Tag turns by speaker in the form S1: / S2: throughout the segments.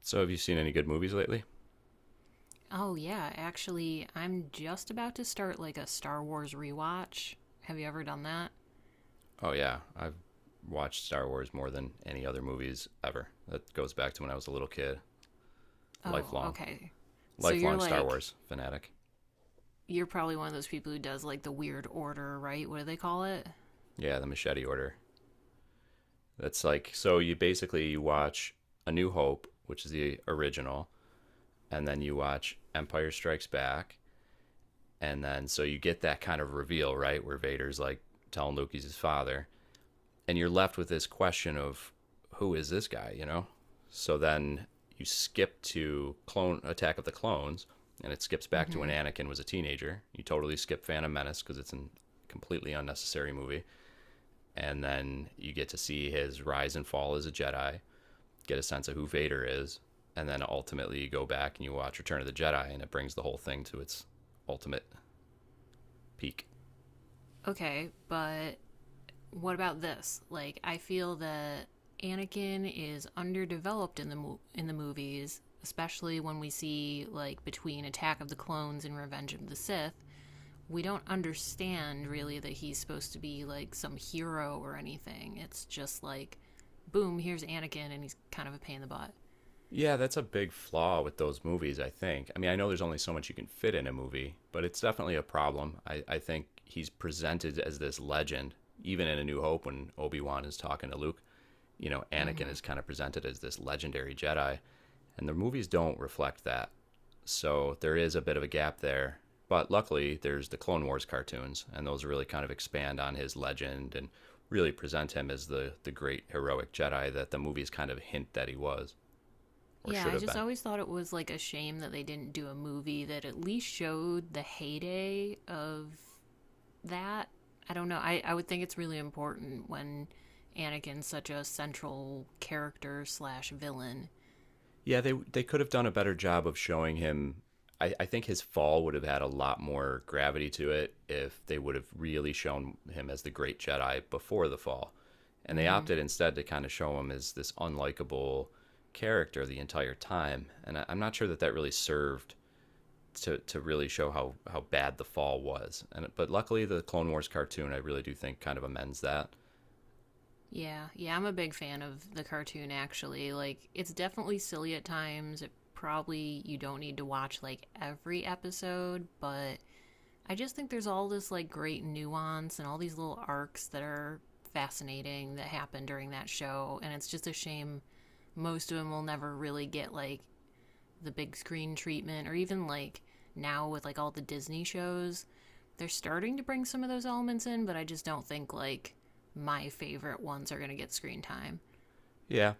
S1: So, have you seen any good movies lately?
S2: Oh, yeah. Actually, I'm just about to start like a Star Wars rewatch. Have you ever done that?
S1: Oh, yeah. I've watched Star Wars more than any other movies ever. That goes back to when I was a little kid.
S2: Oh,
S1: Lifelong.
S2: okay. So
S1: Lifelong Star Wars fanatic.
S2: you're probably one of those people who does like the weird order, right? What do they call it?
S1: Yeah, the Machete Order. That's like, so you basically you watch A New Hope, which is the original, and then you watch Empire Strikes Back. And then, so you get that kind of reveal, right? Where Vader's like telling Luke he's his father, and you're left with this question of who is this guy, So then you skip to clone Attack of the Clones, and it skips
S2: Mm
S1: back to when
S2: hmm.
S1: Anakin was a teenager. You totally skip Phantom Menace because it's a completely unnecessary movie, and then you get to see his rise and fall as a Jedi, get a sense of who Vader is, and then ultimately you go back and you watch Return of the Jedi, and it brings the whole thing to its ultimate peak.
S2: Okay, but what about this? Like, I feel that Anakin is underdeveloped in the movies, especially when we see like between Attack of the Clones and Revenge of the Sith. We don't understand really that he's supposed to be like some hero or anything. It's just like, boom, here's Anakin, and he's kind of a pain in the butt.
S1: Yeah, that's a big flaw with those movies, I think. I mean, I know there's only so much you can fit in a movie, but it's definitely a problem. I think he's presented as this legend, even in A New Hope when Obi Wan is talking to Luke. You know, Anakin
S2: Hmm.
S1: is kind of presented as this legendary Jedi, and the movies don't reflect that. So there is a bit of a gap there. But luckily, there's the Clone Wars cartoons, and those really kind of expand on his legend and really present him as the great heroic Jedi that the movies kind of hint that he was or
S2: Yeah,
S1: should
S2: I
S1: have
S2: just
S1: been.
S2: always thought it was like a shame that they didn't do a movie that at least showed the heyday of that. I don't know. I would think it's really important when Anakin's such a central character/villain.
S1: Yeah, they could have done a better job of showing him. I think his fall would have had a lot more gravity to it if they would have really shown him as the great Jedi before the fall. And they
S2: Hmm.
S1: opted instead to kind of show him as this unlikable character the entire time. And I'm not sure that that really served to really show how bad the fall was. And but luckily the Clone Wars cartoon I really do think kind of amends that.
S2: Yeah, yeah, I'm a big fan of the cartoon actually. Like it's definitely silly at times. It probably you don't need to watch like every episode, but I just think there's all this like great nuance and all these little arcs that are fascinating that happen during that show and it's just a shame most of them will never really get like the big screen treatment or even like now with like all the Disney shows, they're starting to bring some of those elements in, but I just don't think like my favorite ones are going to get screen time.
S1: Yeah.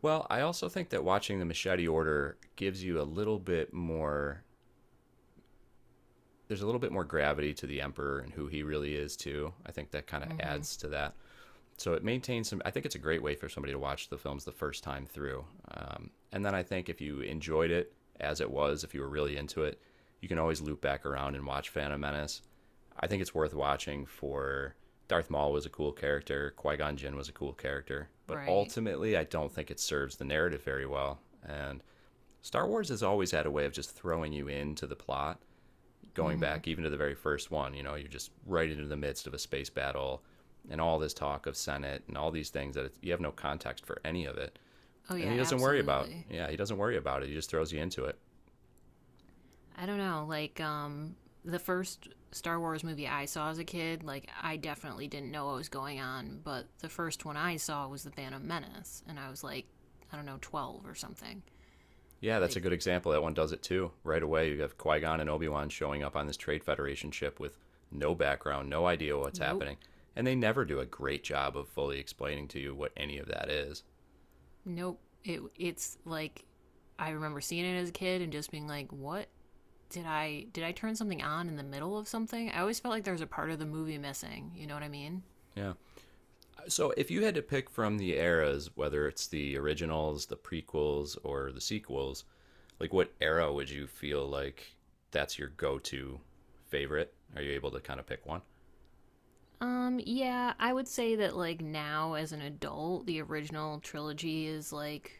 S1: Well, I also think that watching the Machete Order gives you a little bit more. There's a little bit more gravity to the emperor and who he really is too. I think that kind of
S2: Mhm.
S1: adds to that. So it maintains some. I think it's a great way for somebody to watch the films the first time through. And then I think if you enjoyed it as it was, if you were really into it, you can always loop back around and watch Phantom Menace. I think it's worth watching for Darth Maul was a cool character, Qui Gon Jinn was a cool character, but
S2: Right.
S1: ultimately, I don't think it serves the narrative very well. And Star Wars has always had a way of just throwing you into the plot going
S2: Mhm.
S1: back even to the very first one, you know, you're just right into the midst of a space battle and all this talk of Senate and all these things that it's, you have no context for any of it.
S2: Oh
S1: And
S2: yeah,
S1: he doesn't worry about.
S2: absolutely.
S1: Yeah, he doesn't worry about it. He just throws you into it.
S2: I don't know, like the first Star Wars movie I saw as a kid, like I definitely didn't know what was going on, but the first one I saw was The Phantom Menace and I was like I don't know, 12 or something.
S1: Yeah, that's a
S2: Like
S1: good example. That one does it too. Right away, you have Qui Gon and Obi Wan showing up on this Trade Federation ship with no background, no idea what's
S2: nope.
S1: happening, and they never do a great job of fully explaining to you what any of that is.
S2: Nope. It's like I remember seeing it as a kid and just being like, "What did I turn something on in the middle of something?" I always felt like there was a part of the movie missing. You know what I mean?
S1: Yeah. So, if you had to pick from the eras, whether it's the originals, the prequels, or the sequels, like what era would you feel like that's your go to favorite? Are you able to kind of pick one?
S2: Yeah, I would say that like now as an adult, the original trilogy is like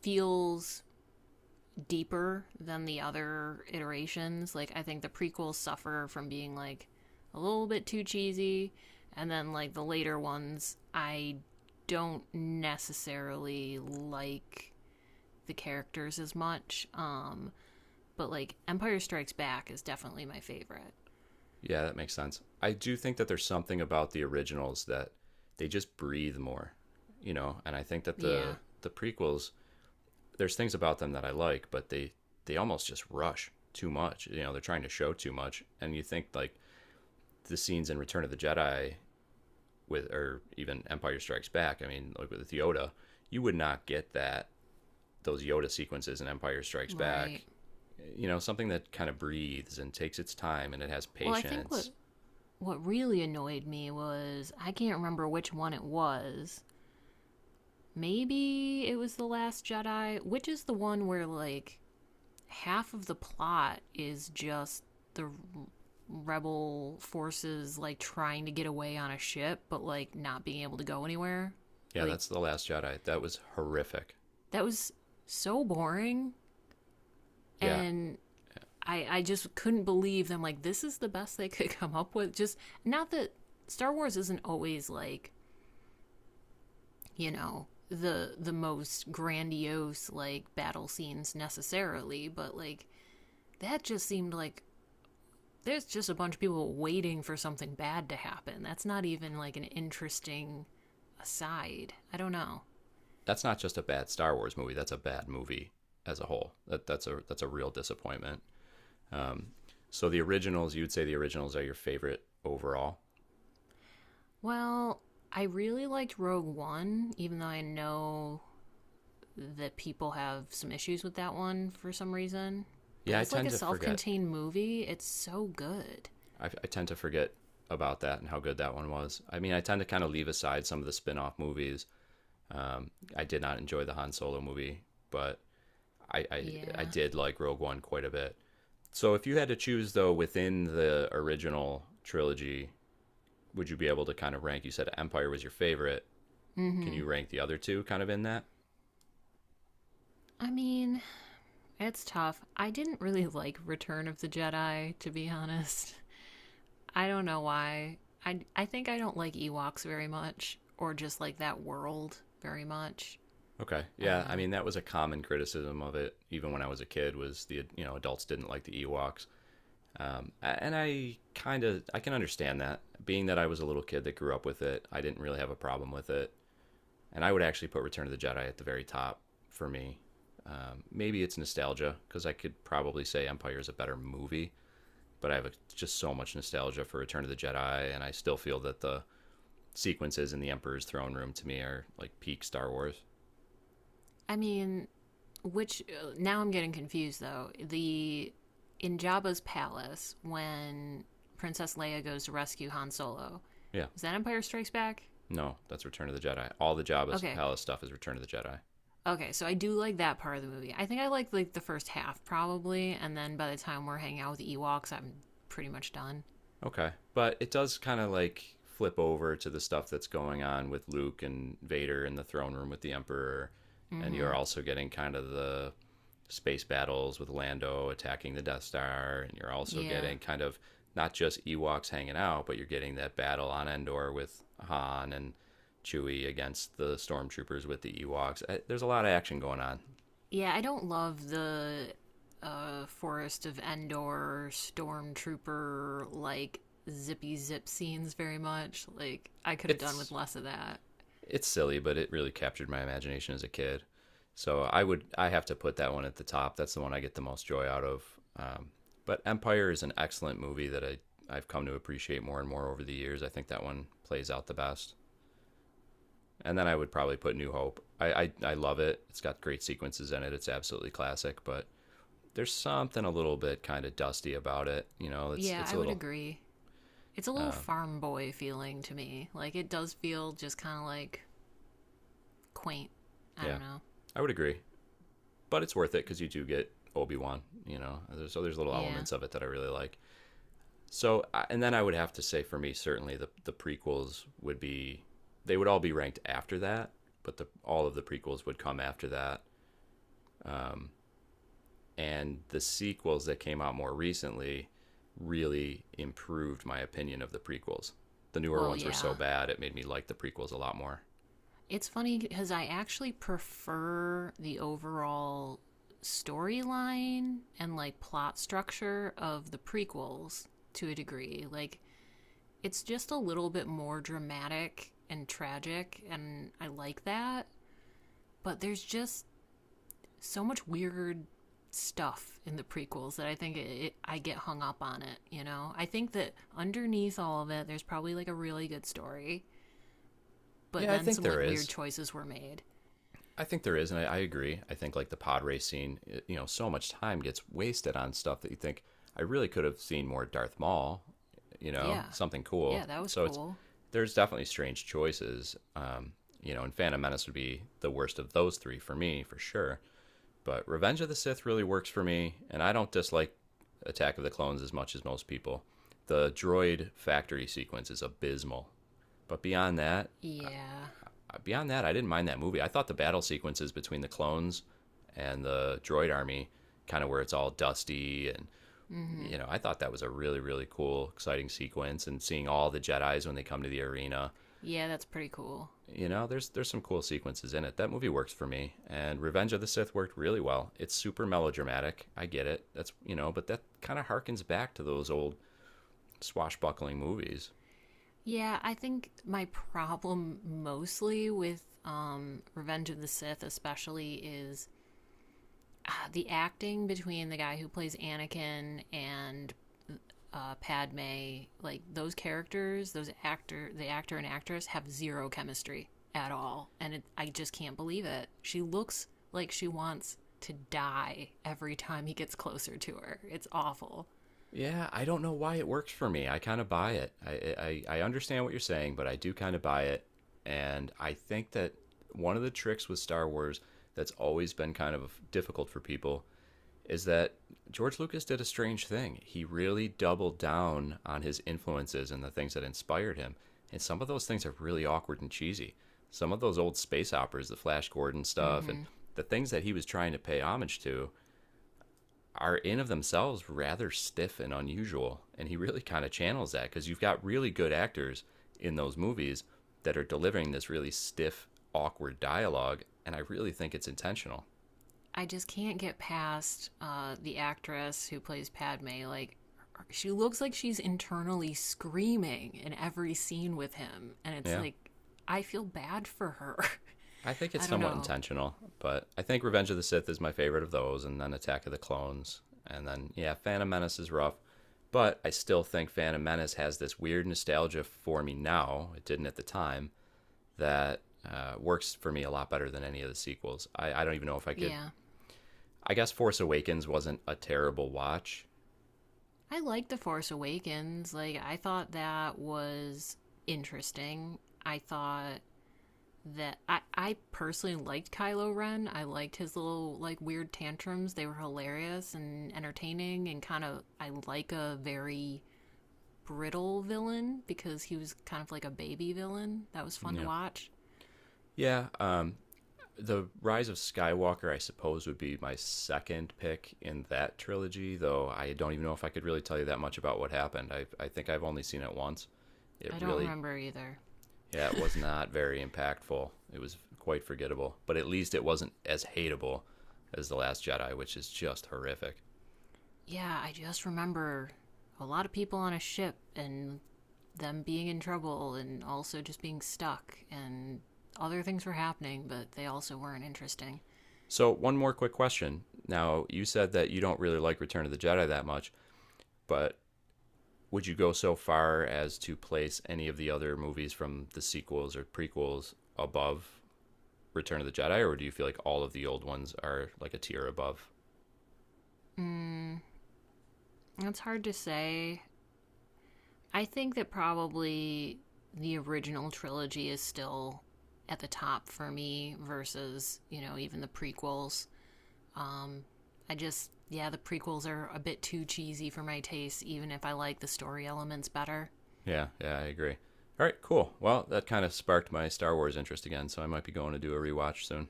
S2: feels deeper than the other iterations. Like, I think the prequels suffer from being like a little bit too cheesy, and then like the later ones, I don't necessarily like the characters as much. But like Empire Strikes Back is definitely my favorite.
S1: Yeah, that makes sense. I do think that there's something about the originals that they just breathe more, you know, and I think that
S2: Yeah,
S1: the prequels, there's things about them that I like, but they almost just rush too much. You know, they're trying to show too much, and you think like the scenes in Return of the Jedi with or even Empire Strikes Back. I mean, like with Yoda, you would not get that those Yoda sequences in Empire Strikes
S2: right.
S1: Back. You know, something that kind of breathes and takes its time and it has
S2: Well, I think what
S1: patience.
S2: what really annoyed me was I can't remember which one it was. Maybe it was the Last Jedi, which is the one where like half of the plot is just the rebel forces like trying to get away on a ship but like not being able to go anywhere
S1: Yeah,
S2: like
S1: that's the Last Jedi. That was horrific.
S2: that was so boring
S1: Yeah,
S2: and I just couldn't believe them like this is the best they could come up with just not that star wars isn't always like you know the most grandiose like battle scenes necessarily but like that just seemed like there's just a bunch of people waiting for something bad to happen. That's not even like an interesting aside. I don't know.
S1: that's not just a bad Star Wars movie. That's a bad movie as a whole. That that's a real disappointment. Um, so the originals, you'd say the originals are your favorite overall.
S2: Well, I really liked Rogue One, even though I know that people have some issues with that one for some reason. But
S1: Yeah, I
S2: as like
S1: tend
S2: a
S1: to
S2: self
S1: forget.
S2: contained movie, it's so good.
S1: I tend to forget about that and how good that one was. I mean, I tend to kind of leave aside some of the spin off movies. Um, I did not enjoy the Han Solo movie, but I, I, I
S2: Yeah.
S1: did like Rogue One quite a bit. So if you had to choose, though, within the original trilogy, would you be able to kind of rank? You said Empire was your favorite.
S2: Mm
S1: Can
S2: hmm.
S1: you rank the other two kind of in that?
S2: I mean, it's tough. I didn't really like Return of the Jedi, to be honest. I don't know why. I think I don't like Ewoks very much, or just like that world very much.
S1: Okay.
S2: I don't
S1: Yeah. I
S2: know.
S1: mean, that was a common criticism of it, even when I was a kid, was the, you know, adults didn't like the Ewoks. Um, and I kind of I can understand that, being that I was a little kid that grew up with it. I didn't really have a problem with it, and I would actually put Return of the Jedi at the very top for me. Maybe it's nostalgia because I could probably say Empire is a better movie, but I have a, just so much nostalgia for Return of the Jedi, and I still feel that the sequences in the Emperor's throne room to me are like peak Star Wars.
S2: I mean, which now I'm getting confused though. The in Jabba's palace when Princess Leia goes to rescue Han Solo,
S1: Yeah,
S2: is that Empire Strikes Back?
S1: no, that's Return of the Jedi. All the Jabba's
S2: Okay,
S1: palace stuff is Return of the Jedi.
S2: okay. So I do like that part of the movie. I think I like the first half probably, and then by the time we're hanging out with the Ewoks, I'm pretty much done.
S1: Okay. But it does kind of like flip over to the stuff that's going on with Luke and Vader in the throne room with the Emperor. And
S2: Mm-hmm.
S1: you're also getting kind of the space battles with Lando attacking the Death Star. And you're also
S2: Yeah.
S1: getting kind of not just Ewoks hanging out, but you're getting that battle on Endor with Han and Chewie against the stormtroopers with the Ewoks. There's a lot of action going on.
S2: Yeah, I don't love the Forest of Endor stormtrooper like zippy zip scenes very much. Like I could have done with
S1: It's
S2: less of that.
S1: it's silly, but it really captured my imagination as a kid. So I have to put that one at the top. That's the one I get the most joy out of. Um, but Empire is an excellent movie that I've come to appreciate more and more over the years. I think that one plays out the best. And then I would probably put New Hope. I love it. It's got great sequences in it. It's absolutely classic. But there's something a little bit kind of dusty about it. You know, it's
S2: Yeah,
S1: it's a
S2: I would
S1: little
S2: agree. It's a little
S1: uh,
S2: farm boy feeling to me. Like it does feel just kind of like quaint. I
S1: yeah.
S2: don't know.
S1: I would agree, but it's worth it because you do get Obi Wan. You know, so there's little
S2: Yeah.
S1: elements of it that I really like. So, and then I would have to say for me, certainly the prequels would be they would all be ranked after that, but the all of the prequels would come after that. Um, and the sequels that came out more recently really improved my opinion of the prequels. The newer
S2: Well,
S1: ones were so
S2: yeah.
S1: bad it made me like the prequels a lot more.
S2: It's funny because I actually prefer the overall storyline and like plot structure of the prequels to a degree. Like it's just a little bit more dramatic and tragic and I like that, but there's just so much weird stuff in the prequels that I think I get hung up on it, you know? I think that underneath all of it there's probably like a really good story, but
S1: Yeah, I
S2: then
S1: think
S2: some
S1: there
S2: like weird
S1: is.
S2: choices were made.
S1: I think there is, and I agree. I think like the pod racing, it- you know, so much time gets wasted on stuff that you think I really could have seen more Darth Maul, you
S2: Yeah.
S1: know, something cool.
S2: Yeah, that was
S1: So it's
S2: cool.
S1: there's definitely strange choices, you know, and Phantom Menace would be the worst of those three for me for sure. But Revenge of the Sith really works for me, and I don't dislike Attack of the Clones as much as most people. The droid factory sequence is abysmal, but
S2: Yeah.
S1: beyond that, I didn't mind that movie. I thought the battle sequences between the clones and the droid army, kind of where it's all dusty, and you
S2: Mhm.
S1: know, I thought that was a really really cool, exciting sequence. And seeing all the Jedi's when they come to the arena,
S2: Yeah, that's pretty cool.
S1: you know, there's some cool sequences in it. That movie works for me. And Revenge of the Sith worked really well. It's super melodramatic. I get it. That's you know, but that kind of harkens back to those old swashbuckling movies.
S2: Yeah, I think my problem mostly with Revenge of the Sith especially is the acting between the guy who plays Anakin and Padme, like those characters, the actor and actress have zero chemistry at all, and I just can't believe it. She looks like she wants to die every time he gets closer to her. It's awful.
S1: Yeah, I don't know why it works for me. I kind of buy it. I understand what you're saying, but I do kind of buy it, and I think that one of the tricks with Star Wars that's always been kind of difficult for people is that George Lucas did a strange thing. He really doubled down on his influences and the things that inspired him, and some of those things are really awkward and cheesy. Some of those old space operas, the Flash Gordon stuff, and
S2: Mm-hmm.
S1: the things that he was trying to pay homage to are in of themselves rather stiff and unusual. And he really kind of channels that because you've got really good actors in those movies that are delivering this really stiff, awkward dialogue. And I really think it's intentional.
S2: I just can't get past the actress who plays Padme. Like, she looks like she's internally screaming in every scene with him. And it's
S1: Yeah.
S2: like, I feel bad for her.
S1: I think
S2: I
S1: it's
S2: don't
S1: somewhat
S2: know.
S1: intentional, but I think Revenge of the Sith is my favorite of those, and then Attack of the Clones. And then, yeah, Phantom Menace is rough, but I still think Phantom Menace has this weird nostalgia for me now. It didn't at the time. That Works for me a lot better than any of the sequels. I don't even know if I could.
S2: Yeah.
S1: I guess Force Awakens wasn't a terrible watch.
S2: I liked The Force Awakens. Like, I thought that was interesting. I thought that I personally liked Kylo Ren. I liked his little like weird tantrums. They were hilarious and entertaining and kind of I like a very brittle villain because he was kind of like a baby villain. That was fun to
S1: Yeah.
S2: watch.
S1: Yeah. The Rise of Skywalker, I suppose, would be my second pick in that trilogy, though I don't even know if I could really tell you that much about what happened. I think I've only seen it once. It
S2: I don't
S1: really,
S2: remember either.
S1: yeah, it was not very impactful. It was quite forgettable, but at least it wasn't as hateable as The Last Jedi, which is just horrific.
S2: Yeah, I just remember a lot of people on a ship and them being in trouble and also just being stuck and other things were happening, but they also weren't interesting.
S1: So, one more quick question. Now, you said that you don't really like Return of the Jedi that much, but would you go so far as to place any of the other movies from the sequels or prequels above Return of the Jedi, or do you feel like all of the old ones are like a tier above?
S2: Mm, it's hard to say. I think that probably the original trilogy is still at the top for me versus, you know, even the prequels. Um, I just, yeah, the prequels are a bit too cheesy for my taste, even if I like the story elements better.
S1: Yeah, yeah, I agree. All right, cool. Well, that kind of sparked my Star Wars interest again, so I might be going to do a rewatch soon.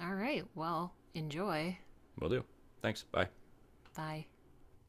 S2: All right, well, enjoy.
S1: Will do. Thanks. Bye.
S2: Bye.